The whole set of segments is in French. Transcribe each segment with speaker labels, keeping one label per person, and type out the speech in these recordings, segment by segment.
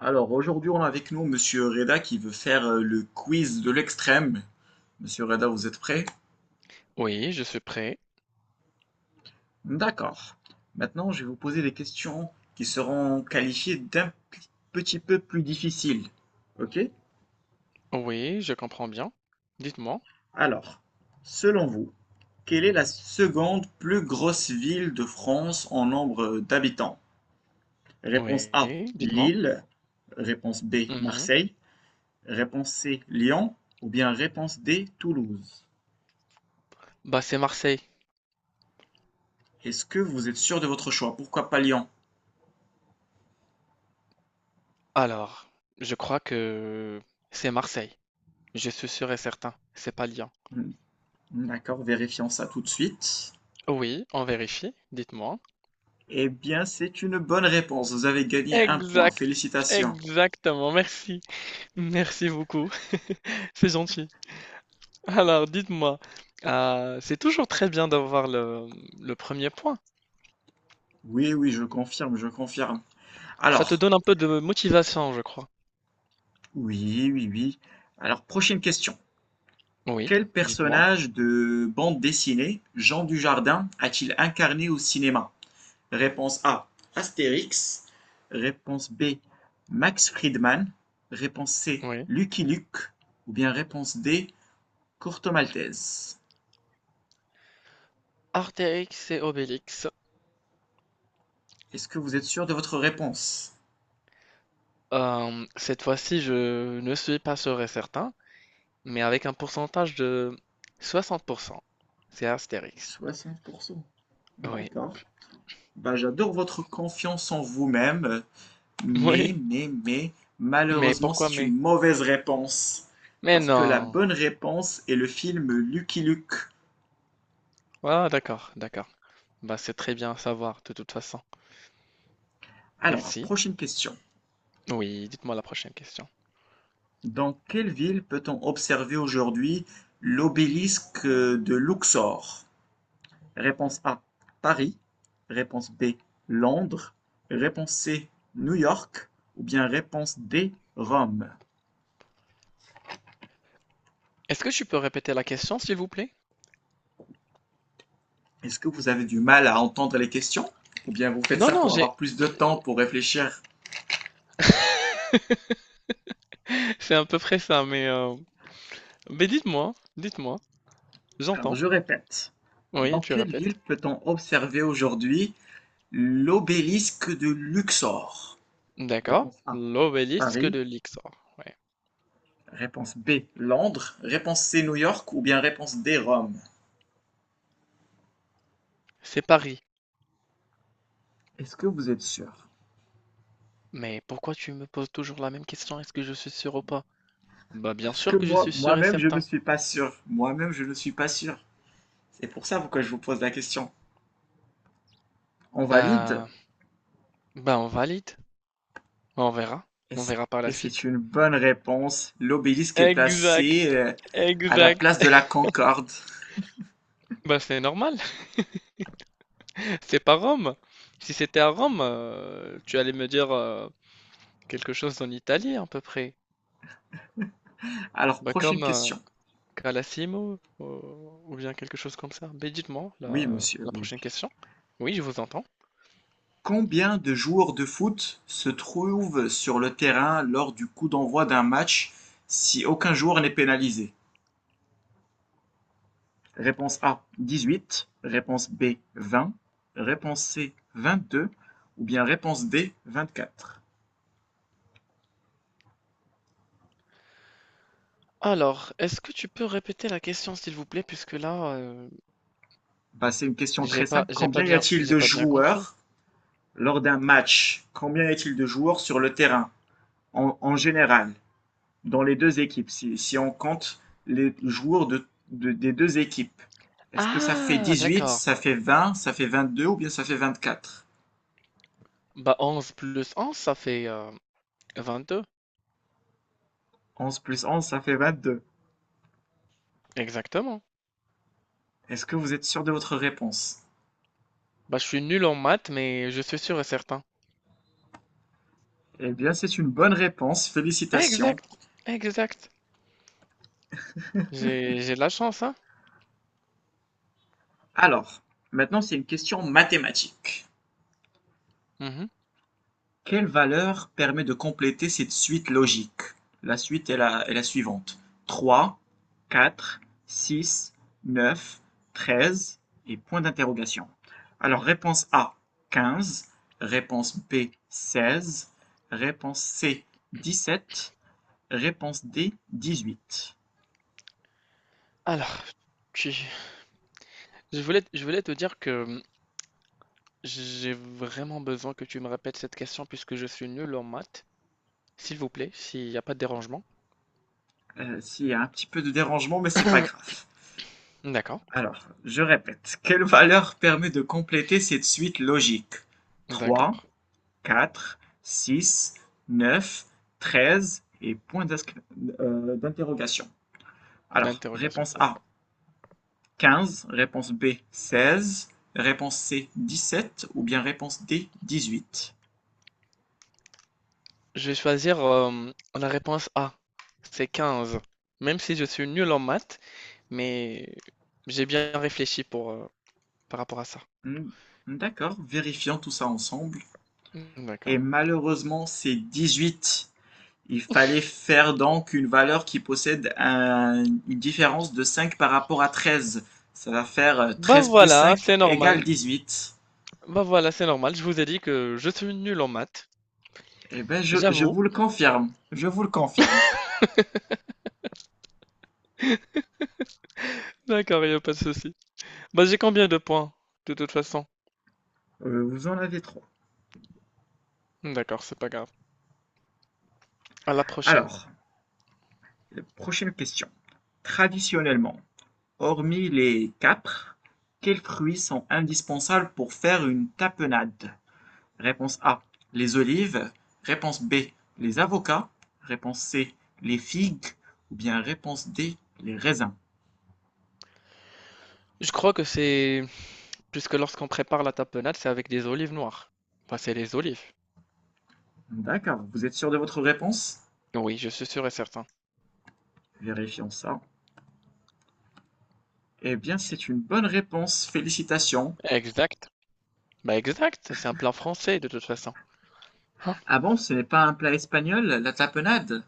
Speaker 1: Alors aujourd'hui, on a avec nous Monsieur Reda qui veut faire le quiz de l'extrême. Monsieur Reda, vous êtes prêt?
Speaker 2: Oui, je suis prêt.
Speaker 1: D'accord. Maintenant, je vais vous poser des questions qui seront qualifiées d'un petit peu plus difficiles. Ok?
Speaker 2: Oui, je comprends bien. Dites-moi.
Speaker 1: Alors, selon vous, quelle est la seconde plus grosse ville de France en nombre d'habitants? Réponse A,
Speaker 2: Oui, dites-moi.
Speaker 1: Lille. Réponse B,
Speaker 2: Mhm.
Speaker 1: Marseille. Réponse C, Lyon. Ou bien réponse D, Toulouse.
Speaker 2: Bah, c'est Marseille.
Speaker 1: Est-ce que vous êtes sûr de votre choix? Pourquoi pas Lyon?
Speaker 2: Alors, je crois que c'est Marseille. Je suis sûr et certain. C'est pas Lyon.
Speaker 1: Hmm, D'accord, vérifions ça tout de suite.
Speaker 2: Oui, on vérifie. Dites-moi.
Speaker 1: Eh bien, c'est une bonne réponse. Vous avez gagné un point.
Speaker 2: Exact.
Speaker 1: Félicitations.
Speaker 2: Exactement. Merci. Merci beaucoup. C'est gentil. Alors, dites-moi. C'est toujours très bien d'avoir le premier point.
Speaker 1: Oui, oui, je confirme, je confirme.
Speaker 2: Ça te
Speaker 1: Alors,
Speaker 2: donne un peu de motivation, je crois.
Speaker 1: oui, oui, oui. Alors, prochaine question.
Speaker 2: Oui,
Speaker 1: Quel
Speaker 2: dites-moi.
Speaker 1: personnage de bande dessinée Jean Dujardin a-t-il incarné au cinéma? Réponse A, Astérix. Réponse B, Max Friedman. Réponse C,
Speaker 2: Oui.
Speaker 1: Lucky Luke. Ou bien réponse D, Courte maltaise.
Speaker 2: Astérix et Obélix.
Speaker 1: Est-ce que vous êtes sûr de votre réponse?
Speaker 2: Cette fois-ci, je ne suis pas sûr et certain, mais avec un pourcentage de 60%. C'est Astérix.
Speaker 1: 60%.
Speaker 2: Oui.
Speaker 1: D'accord. Bah, j'adore votre confiance en vous-même, mais,
Speaker 2: Oui.
Speaker 1: mais, mais,
Speaker 2: Mais
Speaker 1: malheureusement,
Speaker 2: pourquoi
Speaker 1: c'est
Speaker 2: mais?
Speaker 1: une mauvaise réponse.
Speaker 2: Mais
Speaker 1: Parce que la
Speaker 2: non.
Speaker 1: bonne réponse est le film Lucky Luke.
Speaker 2: Ah, d'accord, d'accord. Bah, c'est très bien à savoir, de toute façon.
Speaker 1: Alors,
Speaker 2: Merci.
Speaker 1: prochaine question.
Speaker 2: Oui, dites-moi la prochaine question.
Speaker 1: Dans quelle ville peut-on observer aujourd'hui l'obélisque de Luxor? Réponse A, Paris. Réponse B, Londres. Réponse C, New York. Ou bien réponse D, Rome.
Speaker 2: Est-ce que tu peux répéter la question, s'il vous plaît?
Speaker 1: Est-ce que vous avez du mal à entendre les questions? Ou bien vous faites
Speaker 2: Non,
Speaker 1: ça
Speaker 2: non,
Speaker 1: pour
Speaker 2: j'ai...
Speaker 1: avoir plus de temps pour réfléchir?
Speaker 2: C'est à peu près ça, mais... mais dites-moi, dites-moi.
Speaker 1: Alors,
Speaker 2: J'entends.
Speaker 1: je répète.
Speaker 2: Oui,
Speaker 1: Dans
Speaker 2: tu
Speaker 1: quelle ville
Speaker 2: répètes.
Speaker 1: peut-on observer aujourd'hui l'obélisque de Luxor?
Speaker 2: D'accord.
Speaker 1: Réponse A,
Speaker 2: L'obélisque
Speaker 1: Paris.
Speaker 2: de Luxor.
Speaker 1: Réponse B, Londres. Réponse C, New York. Ou bien réponse D, Rome.
Speaker 2: C'est Paris.
Speaker 1: Est-ce que vous êtes sûr?
Speaker 2: Mais pourquoi tu me poses toujours la même question? Est-ce que je suis sûr ou pas? Bah bien
Speaker 1: Parce que
Speaker 2: sûr que je
Speaker 1: moi,
Speaker 2: suis sûr et
Speaker 1: moi-même, je ne
Speaker 2: certain.
Speaker 1: suis pas sûr. Moi-même, je ne suis pas sûr. C'est pour ça pourquoi je vous pose la question. On valide?
Speaker 2: Bah, bah on valide. On verra.
Speaker 1: Et
Speaker 2: On
Speaker 1: c'est
Speaker 2: verra par la
Speaker 1: et c'est
Speaker 2: suite.
Speaker 1: une bonne réponse. L'obélisque est
Speaker 2: Exact,
Speaker 1: placé à la
Speaker 2: exact.
Speaker 1: place de la Concorde.
Speaker 2: Bah c'est normal. C'est pas Rome. Si c'était à Rome, tu allais me dire quelque chose en italien à peu près.
Speaker 1: Alors,
Speaker 2: Bah
Speaker 1: prochaine
Speaker 2: comme
Speaker 1: question.
Speaker 2: Calassimo ou bien quelque chose comme ça. Mais dites-moi
Speaker 1: Oui, monsieur,
Speaker 2: la
Speaker 1: oui,
Speaker 2: prochaine
Speaker 1: oui.
Speaker 2: question. Oui, je vous entends.
Speaker 1: Combien de joueurs de foot se trouvent sur le terrain lors du coup d'envoi d'un match si aucun joueur n'est pénalisé? Réponse A, 18. Réponse B, 20. Réponse C, 22. Ou bien réponse D, 24.
Speaker 2: Alors, est-ce que tu peux répéter la question, s'il vous plaît, puisque là,
Speaker 1: Bah, c'est une question très simple. Combien y a-t-il
Speaker 2: j'ai
Speaker 1: de
Speaker 2: pas bien compris.
Speaker 1: joueurs lors d'un match? Combien y a-t-il de joueurs sur le terrain en général, dans les deux équipes, si on compte les joueurs des deux équipes? Est-ce que ça fait
Speaker 2: Ah,
Speaker 1: 18,
Speaker 2: d'accord.
Speaker 1: ça fait 20, ça fait 22 ou bien ça fait 24?
Speaker 2: Bah, 11 plus 11, ça fait 22.
Speaker 1: 11 plus 11, ça fait 22.
Speaker 2: Exactement.
Speaker 1: Est-ce que vous êtes sûr de votre réponse?
Speaker 2: Bah, je suis nul en maths, mais je suis sûr et certain.
Speaker 1: Eh bien, c'est une bonne réponse, félicitations.
Speaker 2: Exact, exact. J'ai de la chance, hein?
Speaker 1: Alors, maintenant c'est une question mathématique.
Speaker 2: Mhm.
Speaker 1: Quelle valeur permet de compléter cette suite logique? La suite est la suivante. Trois, 4, 6, 9, 13 et point d'interrogation. Alors, réponse A, 15. Réponse B, 16. Réponse C, 17. Réponse D, 18.
Speaker 2: Alors, tu- je voulais te dire que j'ai vraiment besoin que tu me répètes cette question puisque je suis nul en maths. S'il vous plaît, s'il n'y a pas de dérangement.
Speaker 1: S'il y a un petit peu de dérangement, mais c'est pas grave.
Speaker 2: D'accord,
Speaker 1: Alors, je répète, quelle valeur permet de compléter cette suite logique? Trois,
Speaker 2: d'accord.
Speaker 1: 4, 6, 9, 13 et point d'interrogation. Alors,
Speaker 2: D'interrogation,
Speaker 1: réponse
Speaker 2: c'est ça.
Speaker 1: A, 15, réponse B, 16, réponse C, 17 ou bien réponse D, 18.
Speaker 2: Je vais choisir, la réponse A, c'est 15. Même si je suis nul en maths, mais j'ai bien réfléchi pour, par rapport à ça.
Speaker 1: Hmm, D'accord, vérifions tout ça ensemble.
Speaker 2: Mmh,
Speaker 1: Et
Speaker 2: d'accord.
Speaker 1: malheureusement, c'est 18. Il fallait faire donc une valeur qui possède une différence de 5 par rapport à 13. Ça va faire
Speaker 2: Bah,
Speaker 1: 13 plus
Speaker 2: voilà,
Speaker 1: 5
Speaker 2: c'est
Speaker 1: égale
Speaker 2: normal.
Speaker 1: huit.
Speaker 2: Bah, voilà, c'est normal. Je vous ai dit que je suis nul en maths,
Speaker 1: Eh ben, je
Speaker 2: j'avoue.
Speaker 1: vous le confirme. Je vous le confirme.
Speaker 2: D'accord, il y a pas de souci. Bah, j'ai combien de points, de toute façon?
Speaker 1: Vous en avez trois.
Speaker 2: D'accord, c'est pas grave. À la prochaine.
Speaker 1: Alors, prochaine question. Traditionnellement, hormis les capres, quels fruits sont indispensables pour faire une tapenade? Réponse A. Les olives. Réponse B. Les avocats. Réponse C. Les figues. Ou bien réponse D. Les raisins.
Speaker 2: Je crois que c'est puisque lorsqu'on prépare la tapenade, c'est avec des olives noires. Enfin, c'est les olives.
Speaker 1: D'accord, vous êtes sûr de votre réponse?
Speaker 2: Oui, je suis sûr et certain.
Speaker 1: Vérifions ça. Eh bien, c'est une bonne réponse. Félicitations.
Speaker 2: Exact. Bah exact, c'est un plat français de toute façon. Hein?
Speaker 1: Ah bon, ce n'est pas un plat espagnol, la tapenade?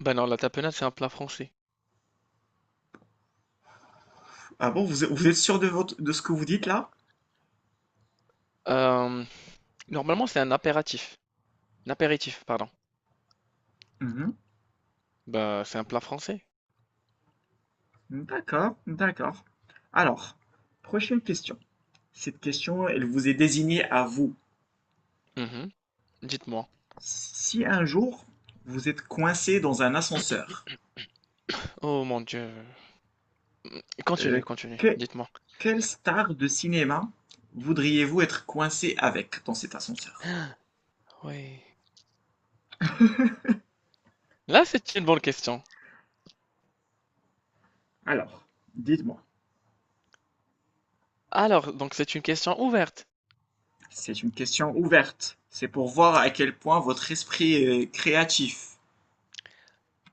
Speaker 2: Bah non, la tapenade, c'est un plat français.
Speaker 1: Ah bon, vous, vous êtes sûr de votre, de ce que vous dites là?
Speaker 2: Euh, Normalement, c'est un apéritif. Un apéritif, pardon.
Speaker 1: Mhm.
Speaker 2: Bah, c'est un plat français.
Speaker 1: D'accord, d'accord. Alors, prochaine question. Cette question, elle vous est désignée à vous.
Speaker 2: Mhm. Dites-moi.
Speaker 1: Si un jour vous êtes coincé dans un ascenseur,
Speaker 2: Oh mon Dieu.
Speaker 1: euh,
Speaker 2: Continue, continue.
Speaker 1: que-
Speaker 2: Dites-moi.
Speaker 1: quelle star de cinéma voudriez-vous être coincé avec dans cet ascenseur?
Speaker 2: Oui. Là, c'est une bonne question.
Speaker 1: Alors, dites-moi,
Speaker 2: Alors, donc c'est une question ouverte.
Speaker 1: c'est une question ouverte. C'est pour voir à quel point votre esprit est créatif.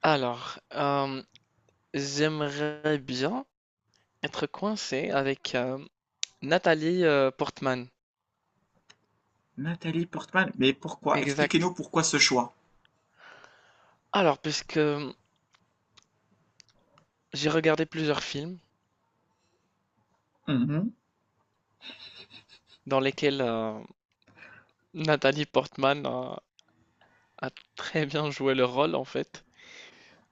Speaker 2: Alors, j'aimerais bien être coincé avec Nathalie Portman.
Speaker 1: Nathalie Portman, mais pourquoi?
Speaker 2: Exact.
Speaker 1: Expliquez-nous pourquoi ce choix.
Speaker 2: Alors, puisque j'ai regardé plusieurs films
Speaker 1: Mhm.
Speaker 2: dans lesquels Nathalie Portman a très bien joué le rôle, en fait,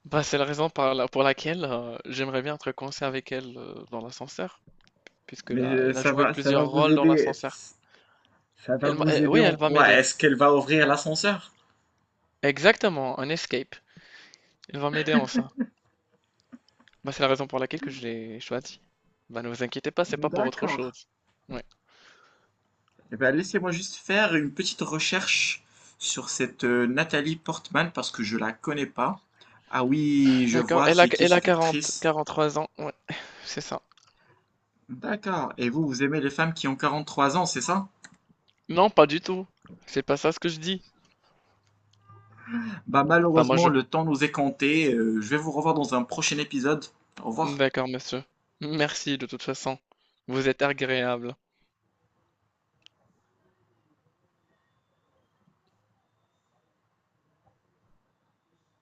Speaker 2: bah, c'est la raison pour laquelle j'aimerais bien être coincé avec elle dans l'ascenseur, puisque
Speaker 1: Mais
Speaker 2: là, elle a joué
Speaker 1: ça va
Speaker 2: plusieurs
Speaker 1: vous
Speaker 2: rôles dans
Speaker 1: aider.
Speaker 2: l'ascenseur.
Speaker 1: Ça va vous
Speaker 2: Eh,
Speaker 1: aider
Speaker 2: oui,
Speaker 1: en
Speaker 2: elle va
Speaker 1: quoi?
Speaker 2: m'aider.
Speaker 1: Est-ce qu'elle va ouvrir l'ascenseur?
Speaker 2: Exactement, un escape. Elle va m'aider en ça. Bah, c'est la raison pour laquelle que je l'ai choisi. Bah, ne vous inquiétez pas, c'est pas pour autre
Speaker 1: D'accord.
Speaker 2: chose. Ouais.
Speaker 1: Eh ben, laissez-moi juste faire une petite recherche sur cette Nathalie Portman parce que je la connais pas. Ah oui, je
Speaker 2: D'accord.
Speaker 1: vois, c'est qui
Speaker 2: Elle a
Speaker 1: cette
Speaker 2: quarante
Speaker 1: actrice?
Speaker 2: quarante trois ans. Ouais, c'est ça.
Speaker 1: D'accord. Et vous, vous aimez les femmes qui ont 43 ans, c'est ça?
Speaker 2: Non, pas du tout. C'est pas ça ce que je dis.
Speaker 1: Bah
Speaker 2: Bah, moi, je...
Speaker 1: malheureusement, le temps nous est compté. Je vais vous revoir dans un prochain épisode. Au revoir.
Speaker 2: D'accord, monsieur. Merci, de toute façon. Vous êtes agréable.